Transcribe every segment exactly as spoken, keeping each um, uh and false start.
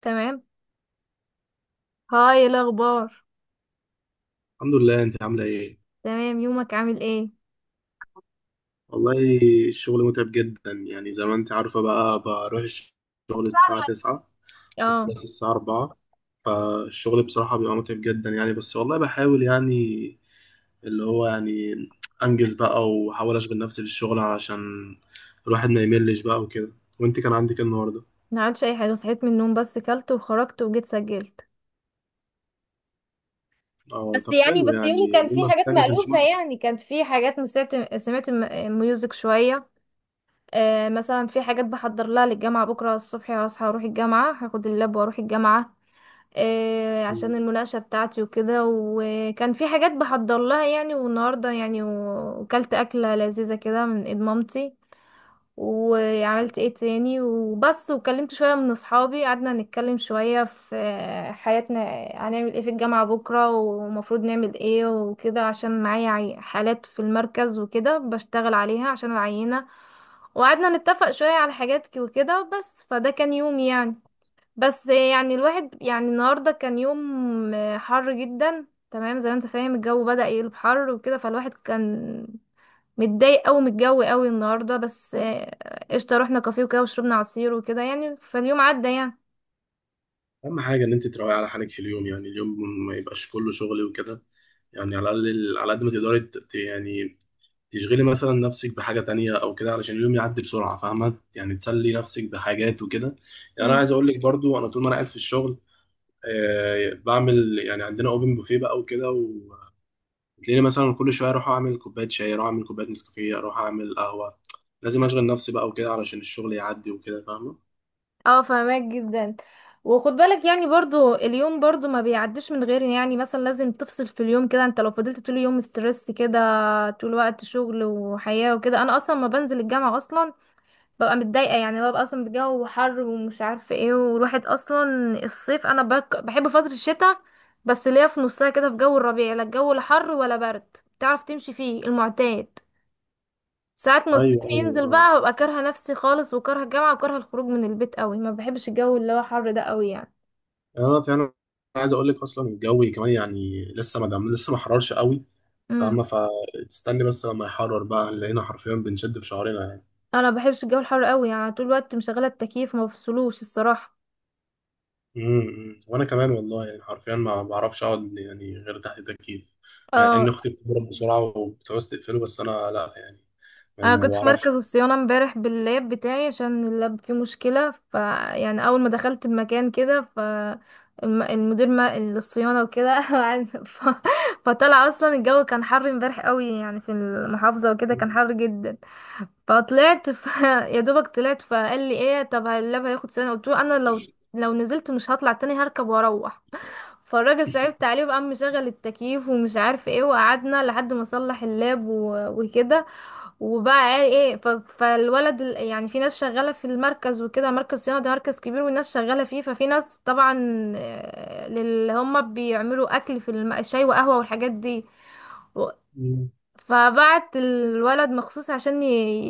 تمام. هاي، إيه الاخبار؟ الحمد لله، انت عامله ايه؟ تمام، يومك عامل ايه؟ والله الشغل متعب جدا، يعني زي ما انت عارفه، بقى بروح الشغل الساعه فعلا. تسعة اه، وخلص الساعه الرابعة. فالشغل بصراحه بيبقى متعب جدا يعني، بس والله بحاول يعني، اللي هو يعني انجز بقى واحاول اشغل نفسي في الشغل علشان الواحد ما يملش بقى وكده. وانت كان عندك ايه النهارده؟ ما عملتش اي حاجه، صحيت من النوم بس كلت وخرجت وجيت سجلت. اه بس طب يعني حلو، بس يومي يعني كان فيه لما حاجات بتاعك ما كانش مألوفة، متعب. يعني كانت في حاجات سمعت سمعت م- ميوزك شويه. آه، مثلا في حاجات بحضر لها للجامعه، بكره الصبح هصحى اروح الجامعه، هاخد اللاب واروح الجامعه. آه، عشان المناقشه بتاعتي وكده، وكان في حاجات بحضر لها يعني. والنهارده يعني و- وكلت اكله لذيذه كده من ايد مامتي. وعملت ايه تاني وبس، وكلمت شوية من اصحابي، قعدنا نتكلم شوية في حياتنا: هنعمل ايه في الجامعة بكرة، ومفروض نعمل ايه وكده، عشان معايا عي- حالات في المركز وكده بشتغل عليها عشان العينة. وقعدنا نتفق شوية على حاجات ك- وكده. بس فده كان يوم يعني، بس يعني الواحد يعني، النهاردة كان يوم حر جدا. تمام، زي ما انت فاهم، الجو بدأ يقلب حر وكده، فالواحد كان متضايق قوي من الجو قوي النهارده، بس آه، قشطه، رحنا كافيه وكده وشربنا عصير وكده، يعني فاليوم عدى يعني. اهم حاجه ان انت تراعي على حالك في اليوم، يعني اليوم ما يبقاش كله شغل وكده. يعني على الاقل على قد ما تقدري ت- ت- يعني تشغلي مثلا نفسك بحاجه تانية او كده، علشان اليوم يعدي بسرعه، فاهمه؟ يعني تسلي نفسك بحاجات وكده. يعني انا امم. عايز اقول لك برضو، انا طول ما انا قاعد في الشغل آه بعمل يعني، عندنا اوبن بوفيه بقى وكده، وتلاقيني مثلا كل شويه اروح اعمل كوبايه شاي، اروح اعمل كوبايه نسكافيه، اروح اعمل قهوه. لازم اشغل نفسي بقى وكده علشان الشغل يعدي وكده، فاهمه؟ اه، فهماك جدا. وخد بالك يعني برضو اليوم برضو ما بيعديش من غير يعني، مثلا لازم تفصل في اليوم كده، انت لو فضلت طول اليوم ستريس كده، طول الوقت شغل وحياة وكده. انا اصلا ما بنزل الجامعة اصلا ببقى متضايقة، يعني ببقى أصلا الجو حر ومش عارفة ايه، والواحد أصلا الصيف أنا بك... بحب فترة الشتاء، بس اللي هي في نصها كده، في جو الربيع لا الجو لا حر ولا برد، تعرف تمشي فيه المعتاد. ساعات ما الصيف ايوه ينزل ايوه. بقى، ببقى كارهة نفسي خالص، وكارهة الجامعة، وكارهة الخروج من البيت قوي، ما بحبش الجو اللي هو حر ده قوي يعني. اه فعلا، انا عايز اقول لك اصلا الجو كمان يعني، لسه ما دام لسه ما حررش قوي، امم. فاما فتستني بس لما يحرر بقى، لقينا حرفيا بنشد في شعرنا يعني. انا ما بحبش الجو الحر قوي، يعني طول الوقت مشغلة التكييف، ما بفصلوش الصراحة. امم امم. وانا كمان والله، يعني حرفيا ما بعرفش اقعد يعني غير تحت التكييف، مع ان اه. اختي بتضرب بسرعه وبتعوز تقفله، بس انا لا يعني، يعني انا ما كنت في بعرفش. مركز الصيانه امبارح باللاب بتاعي عشان اللاب فيه مشكله، ف يعني اول ما دخلت المكان كده، ف الم- المدير ما الصيانه وكده قعد- ف... فطلع اصلا الجو كان حر امبارح قوي، يعني في المحافظه وكده كان حر جدا. فطلعت ف... يا دوبك طلعت، فقال لي ايه، طب اللاب هياخد صيانه، قلت له انا لو لو نزلت مش هطلع تاني، هركب واروح. فالراجل صعبت عليه وقام مشغل التكييف ومش عارف ايه، وقعدنا لحد ما صلح اللاب و... وكده. وبقى ايه، ف- فالولد ال- يعني في ناس شغالة في المركز وكده، مركز صيانة ده مركز كبير والناس شغالة فيه، ففي ناس طبعا آه، اللي هم بيعملوا اكل في الم- شاي وقهوة والحاجات دي و- مم. فبعت الولد مخصوص عشان ي-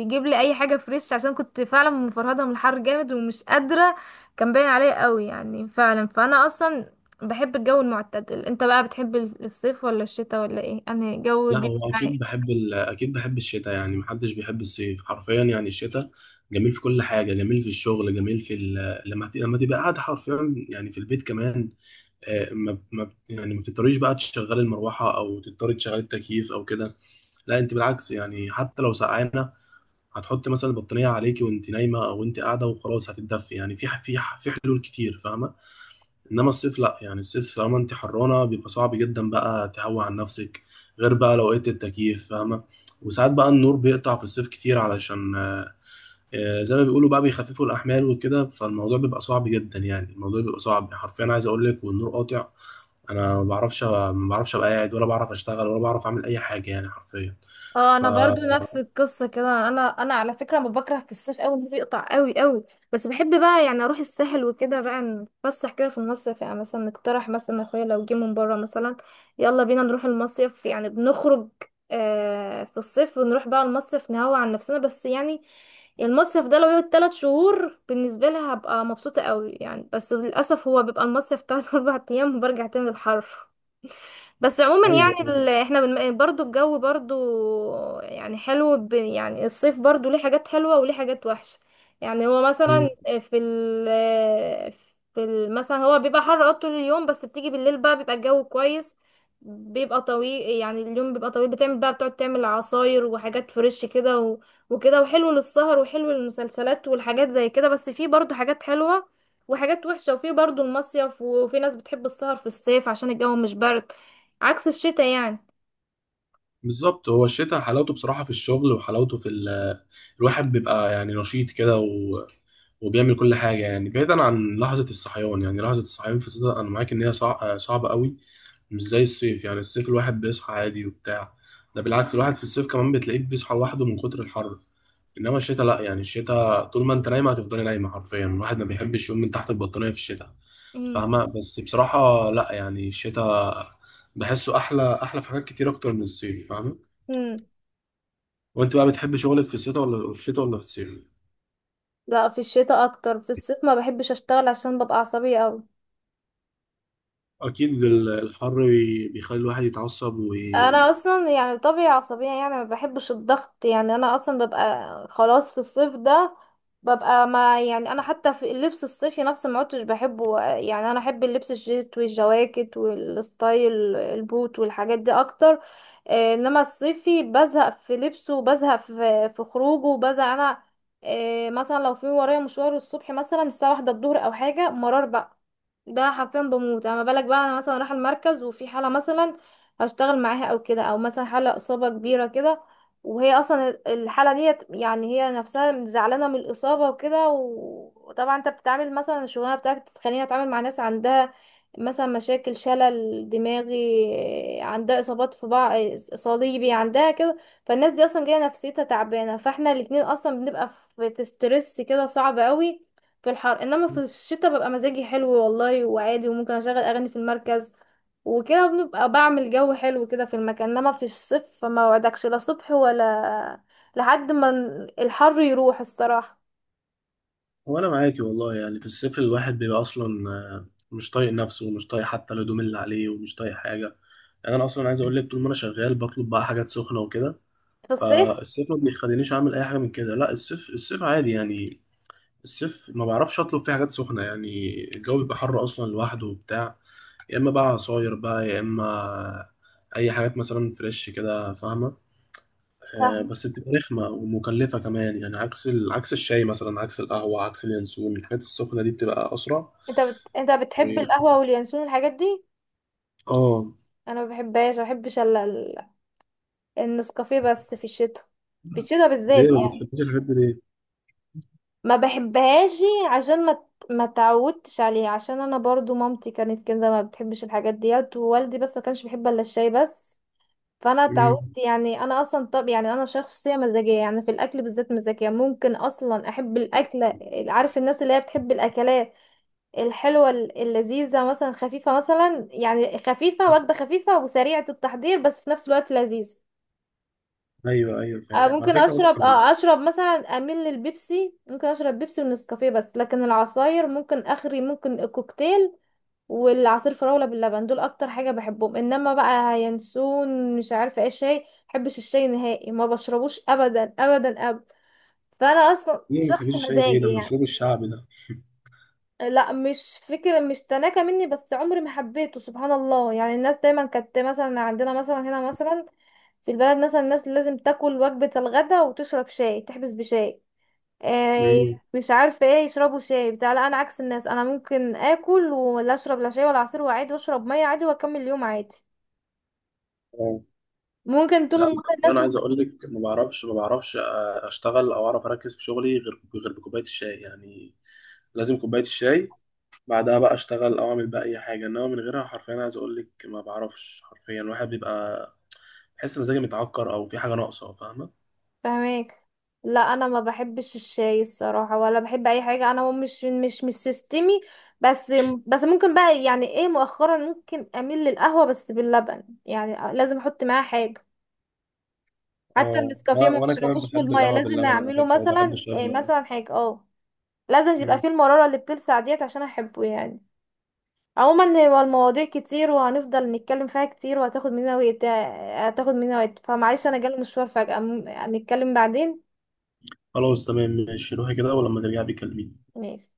يجيب لي اي حاجة فريش، عشان كنت فعلا مفرهدة من الحر جامد ومش قادرة، كان باين عليا قوي يعني فعلا. فانا اصلا بحب الجو المعتدل، انت بقى بتحب الصيف ولا الشتاء ولا ايه؟ انا جو لا بيبقى هو معاك. اكيد بحب ال... اكيد بحب الشتاء، يعني محدش بيحب الصيف حرفيا. يعني الشتاء جميل في كل حاجه، جميل في الشغل، جميل في ال... لما ت- لما تبقى قاعد حرفيا يعني في البيت كمان. آه، ما ما يعني ما بتضطريش بقى تشغلي المروحه، او تضطري تشغلي التكييف او كده. لا انت بالعكس، يعني حتى لو سقعانه، هتحط مثلا البطانيه عليكي وانت نايمه، او انت قاعده وخلاص هتتدفي. يعني في ح- في ح- في حلول كتير، فاهمه؟ انما الصيف لا، يعني الصيف طالما انت حرانه بيبقى صعب جدا بقى تهوي عن نفسك، غير بقى لو لقيت التكييف، فاهمه؟ وساعات بقى النور بيقطع في الصيف كتير، علشان آه، زي ما بيقولوا بقى بيخففوا الاحمال وكده. فالموضوع بيبقى صعب جدا، يعني الموضوع بيبقى صعب حرفيا، عايز اقول لك، والنور قاطع، انا ما بعرفش، ما بعرفش ابقى قاعد، ولا بعرف اشتغل، ولا بعرف اعمل اي حاجه يعني حرفيا. اه، انا فا برضو نفس القصه كده، انا انا على فكره ما بكره في الصيف قوي، الناس بيقطع قوي قوي. بس بحب بقى يعني اروح الساحل وكده بقى، نتفسح كده في المصيف، يعني مثلا نقترح مثلا، اخويا لو جه من بره مثلا يلا بينا نروح المصيف، يعني بنخرج آه في الصيف، ونروح بقى المصيف نهوى عن نفسنا. بس يعني المصيف ده لو يقعد تلات شهور بالنسبه لي هبقى مبسوطه قوي يعني، بس للاسف هو بيبقى المصيف تلات اربع ايام وبرجع تاني للحر. بس عموما ايوه. يعني ال... احنا بن... برضو الجو برضو يعني حلو ب... يعني الصيف برضو ليه حاجات حلوة وليه حاجات وحشة. يعني هو مم. مثلا في ال... في ال... مثلا هو بيبقى حر اه طول اليوم، بس بتيجي بالليل بقى بيبقى الجو كويس، بيبقى طويل، يعني اليوم بيبقى طويل، بتعمل بقى بتقعد تعمل عصاير وحاجات فريش كده و... وكده، وحلو للسهر وحلو للمسلسلات والحاجات زي كده. بس في برضو حاجات حلوة وحاجات وحشة، وفي برضو المصيف، وفي ناس بتحب السهر في الصيف عشان الجو مش برد، عكس الشتاء يعني. بالظبط، هو الشتاء حلاوته بصراحه في الشغل، وحلاوته في ال... الواحد بيبقى يعني نشيط كده و... وبيعمل كل حاجه، يعني بعيدا عن لحظه الصحيان. يعني لحظه الصحيان في الشتاء انا معاك ان هي صع... صعبه قوي، مش زي الصيف. يعني الصيف الواحد بيصحى عادي وبتاع، ده بالعكس الواحد في الصيف كمان بتلاقيه بيصحى لوحده من كتر الحر. انما الشتاء لا، يعني الشتاء طول ما انت نايمه هتفضلي نايمه حرفيا، الواحد ما بيحبش يقوم من تحت البطانيه في الشتاء، امم. فاهمه؟ بس بصراحه لا، يعني الشتاء بحسه احلى، احلى في حاجات كتير اكتر من الصيف، فاهمه؟ امم. وانت بقى بتحب شغلك في الشتاء ولا في الشتاء ولا في الصيف؟ لا، في الشتاء اكتر. في الصيف ما بحبش اشتغل عشان ببقى عصبية قوي. اكيد ال- الحر بيخلي الواحد يتعصب انا وي... اصلا يعني طبيعي عصبيه، يعني ما بحبش الضغط، يعني انا اصلا ببقى خلاص في الصيف ده، ببقى ما يعني، انا حتى في اللبس الصيفي نفسه ما عدتش بحبه، يعني انا احب اللبس الجيت والجواكت والستايل البوت والحاجات دي اكتر. آه، انما الصيفي بزهق في لبسه وبزهق في في خروجه، وبزهق انا آه، مثلا لو في ورايا مشوار الصبح مثلا الساعه واحدة الظهر او حاجه مرار بقى، ده حرفيا بموت. اما بالك بقى انا مثلا رايحه المركز وفي حاله مثلا هشتغل معاها او كده، او مثلا حالة اصابة كبيرة كده، وهي اصلا الحالة ديت يعني هي نفسها زعلانة من الاصابة وكده و- وطبعا انت بتتعامل، مثلا الشغلانة بتاعتك بتخليني اتعامل مع ناس عندها مثلا مشاكل شلل دماغي، عندها اصابات في بعض صليبي عندها كده. فالناس دي اصلا جايه نفسيتها تعبانه، فاحنا الاتنين اصلا بنبقى في ستريس كده صعب قوي في الحر. انما في الشتاء ببقى مزاجي حلو والله وعادي، وممكن اشغل اغاني في المركز وكده، بنبقى بعمل جو حلو كده في المكان. انما في الصيف فما وعدكش لا صبح ولا لحد ما ن- الحر يروح الصراحة وانا معاكي والله، يعني في الصيف الواحد بيبقى اصلا آه، مش طايق نفسه، ومش طايق حتى الهدوم اللي عليه، ومش طايق حاجه. يعني انا اصلا عايز اقول لك، طول ما انا شغال بطلب بقى حاجات سخنه وكده. في الصيف. فالصيف ما بيخلينيش اعمل اي حاجه من كده. لا الصيف، الصيف عادي يعني. الصيف ما بعرفش اطلب فيه حاجات سخنه، يعني الجو بيبقى حر اصلا لوحده وبتاع. يا اما بقى عصاير بقى، يا اما اي حاجات مثلا فريش كده، فاهمه؟ آه، فاهم، بس بتبقى رخمة ومكلفة كمان، يعني عكس ال... عكس الشاي مثلا، عكس القهوة، عكس اليانسون. الحاجات السخنة دي بتبقى أسرع انت بت... انت و... بتحب القهوة واليانسون الحاجات دي؟ اه. انا ما بحبهاش، ما بحبش الا ال- النسكافيه بس في الشتاء، في الشتاء ليه بالذات ما يعني. بتحبيش الحاجات دي ليه؟ ما بحبهاش عشان ما ت- ما تعودتش عليها، عشان انا برضو مامتي كانت كده ما بتحبش الحاجات ديت، ووالدي بس ما كانش بيحب الا الشاي بس، فانا مم. اتعودت يعني. انا اصلا طب يعني انا شخصيه مزاجيه يعني، في الاكل بالذات مزاجيه، ممكن اصلا احب الاكله، عارف الناس اللي هي بتحب الاكلات الحلوه اللذيذه مثلا، خفيفه مثلا يعني، خفيفه وجبه خفيفه وسريعه التحضير بس في نفس الوقت لذيذ. أيوه أيوه، آه، فاهم، على ممكن فكرة أنا اشرب كمان. اه اشرب مثلا، اميل للبيبسي، ممكن اشرب بيبسي ونسكافيه بس، لكن العصاير ممكن اخري، ممكن كوكتيل والعصير فراولة باللبن، دول اكتر حاجة بحبهم. انما بقى ينسون مش عارفة ايه شاي، بحبش الشاي نهائي، ما بشربوش ابدا ابدا ابدا. فانا اصلا ليه ما شخص بتحبيش الشاي ليه؟ مزاجي ده يعني. مشروب الشعب ده. لا، مش فكرة مش تناكة مني، بس عمري ما حبيته سبحان الله، يعني الناس دايما كانت مثلا عندنا مثلا هنا مثلا في البلد مثلا، الناس لازم تاكل وجبة الغداء وتشرب شاي، تحبس بشاي آه، مم. مش عارفه ايه، يشربوا شاي بتاع. لا انا عكس الناس، انا ممكن اكل ولا اشرب لا شاي ولا عصير، وعادي واشرب ميه عادي واكمل اليوم عادي اه ممكن طول لا، النهار أنا الناس. أنا عايز أقول لك ما بعرفش، ما بعرفش أشتغل أو أعرف أركز في شغلي غير، غير بكوباية الشاي يعني. لازم كوباية الشاي، بعدها بقى اشتغل او اعمل بقى اي حاجه. انما من غيرها حرفيا، عايز اقول لك، ما بعرفش حرفيا، الواحد بيبقى بحس مزاجي متعكر، او في حاجه ناقصه، فاهمه؟ فاهماك. لا انا ما بحبش الشاي الصراحه ولا بحب اي حاجه، انا هو مش مش مش سيستمي، بس بس ممكن بقى يعني ايه، مؤخرا ممكن اميل للقهوه بس باللبن، يعني لازم احط معاها حاجه، حتى اه لا، النسكافيه ما وانا كمان بشربوش بحب بالميه، القهوه لازم باللبن على اعمله فكره، وبحب مثلا الشاي إيه، باللبن. مثلا حاجه اه، لازم يبقى مم. فيه المرارة اللي بتلسع ديت عشان احبه يعني. عموما هو المواضيع كتير وهنفضل نتكلم فيها كتير وهتاخد مننا وقت، هتاخد مننا وقت، فمعلش انا جالي مشوار فجأة، م- هنتكلم بعدين. خلاص تمام، ماشي روحي كده ولما ترجعي بيكلميني. ماشي.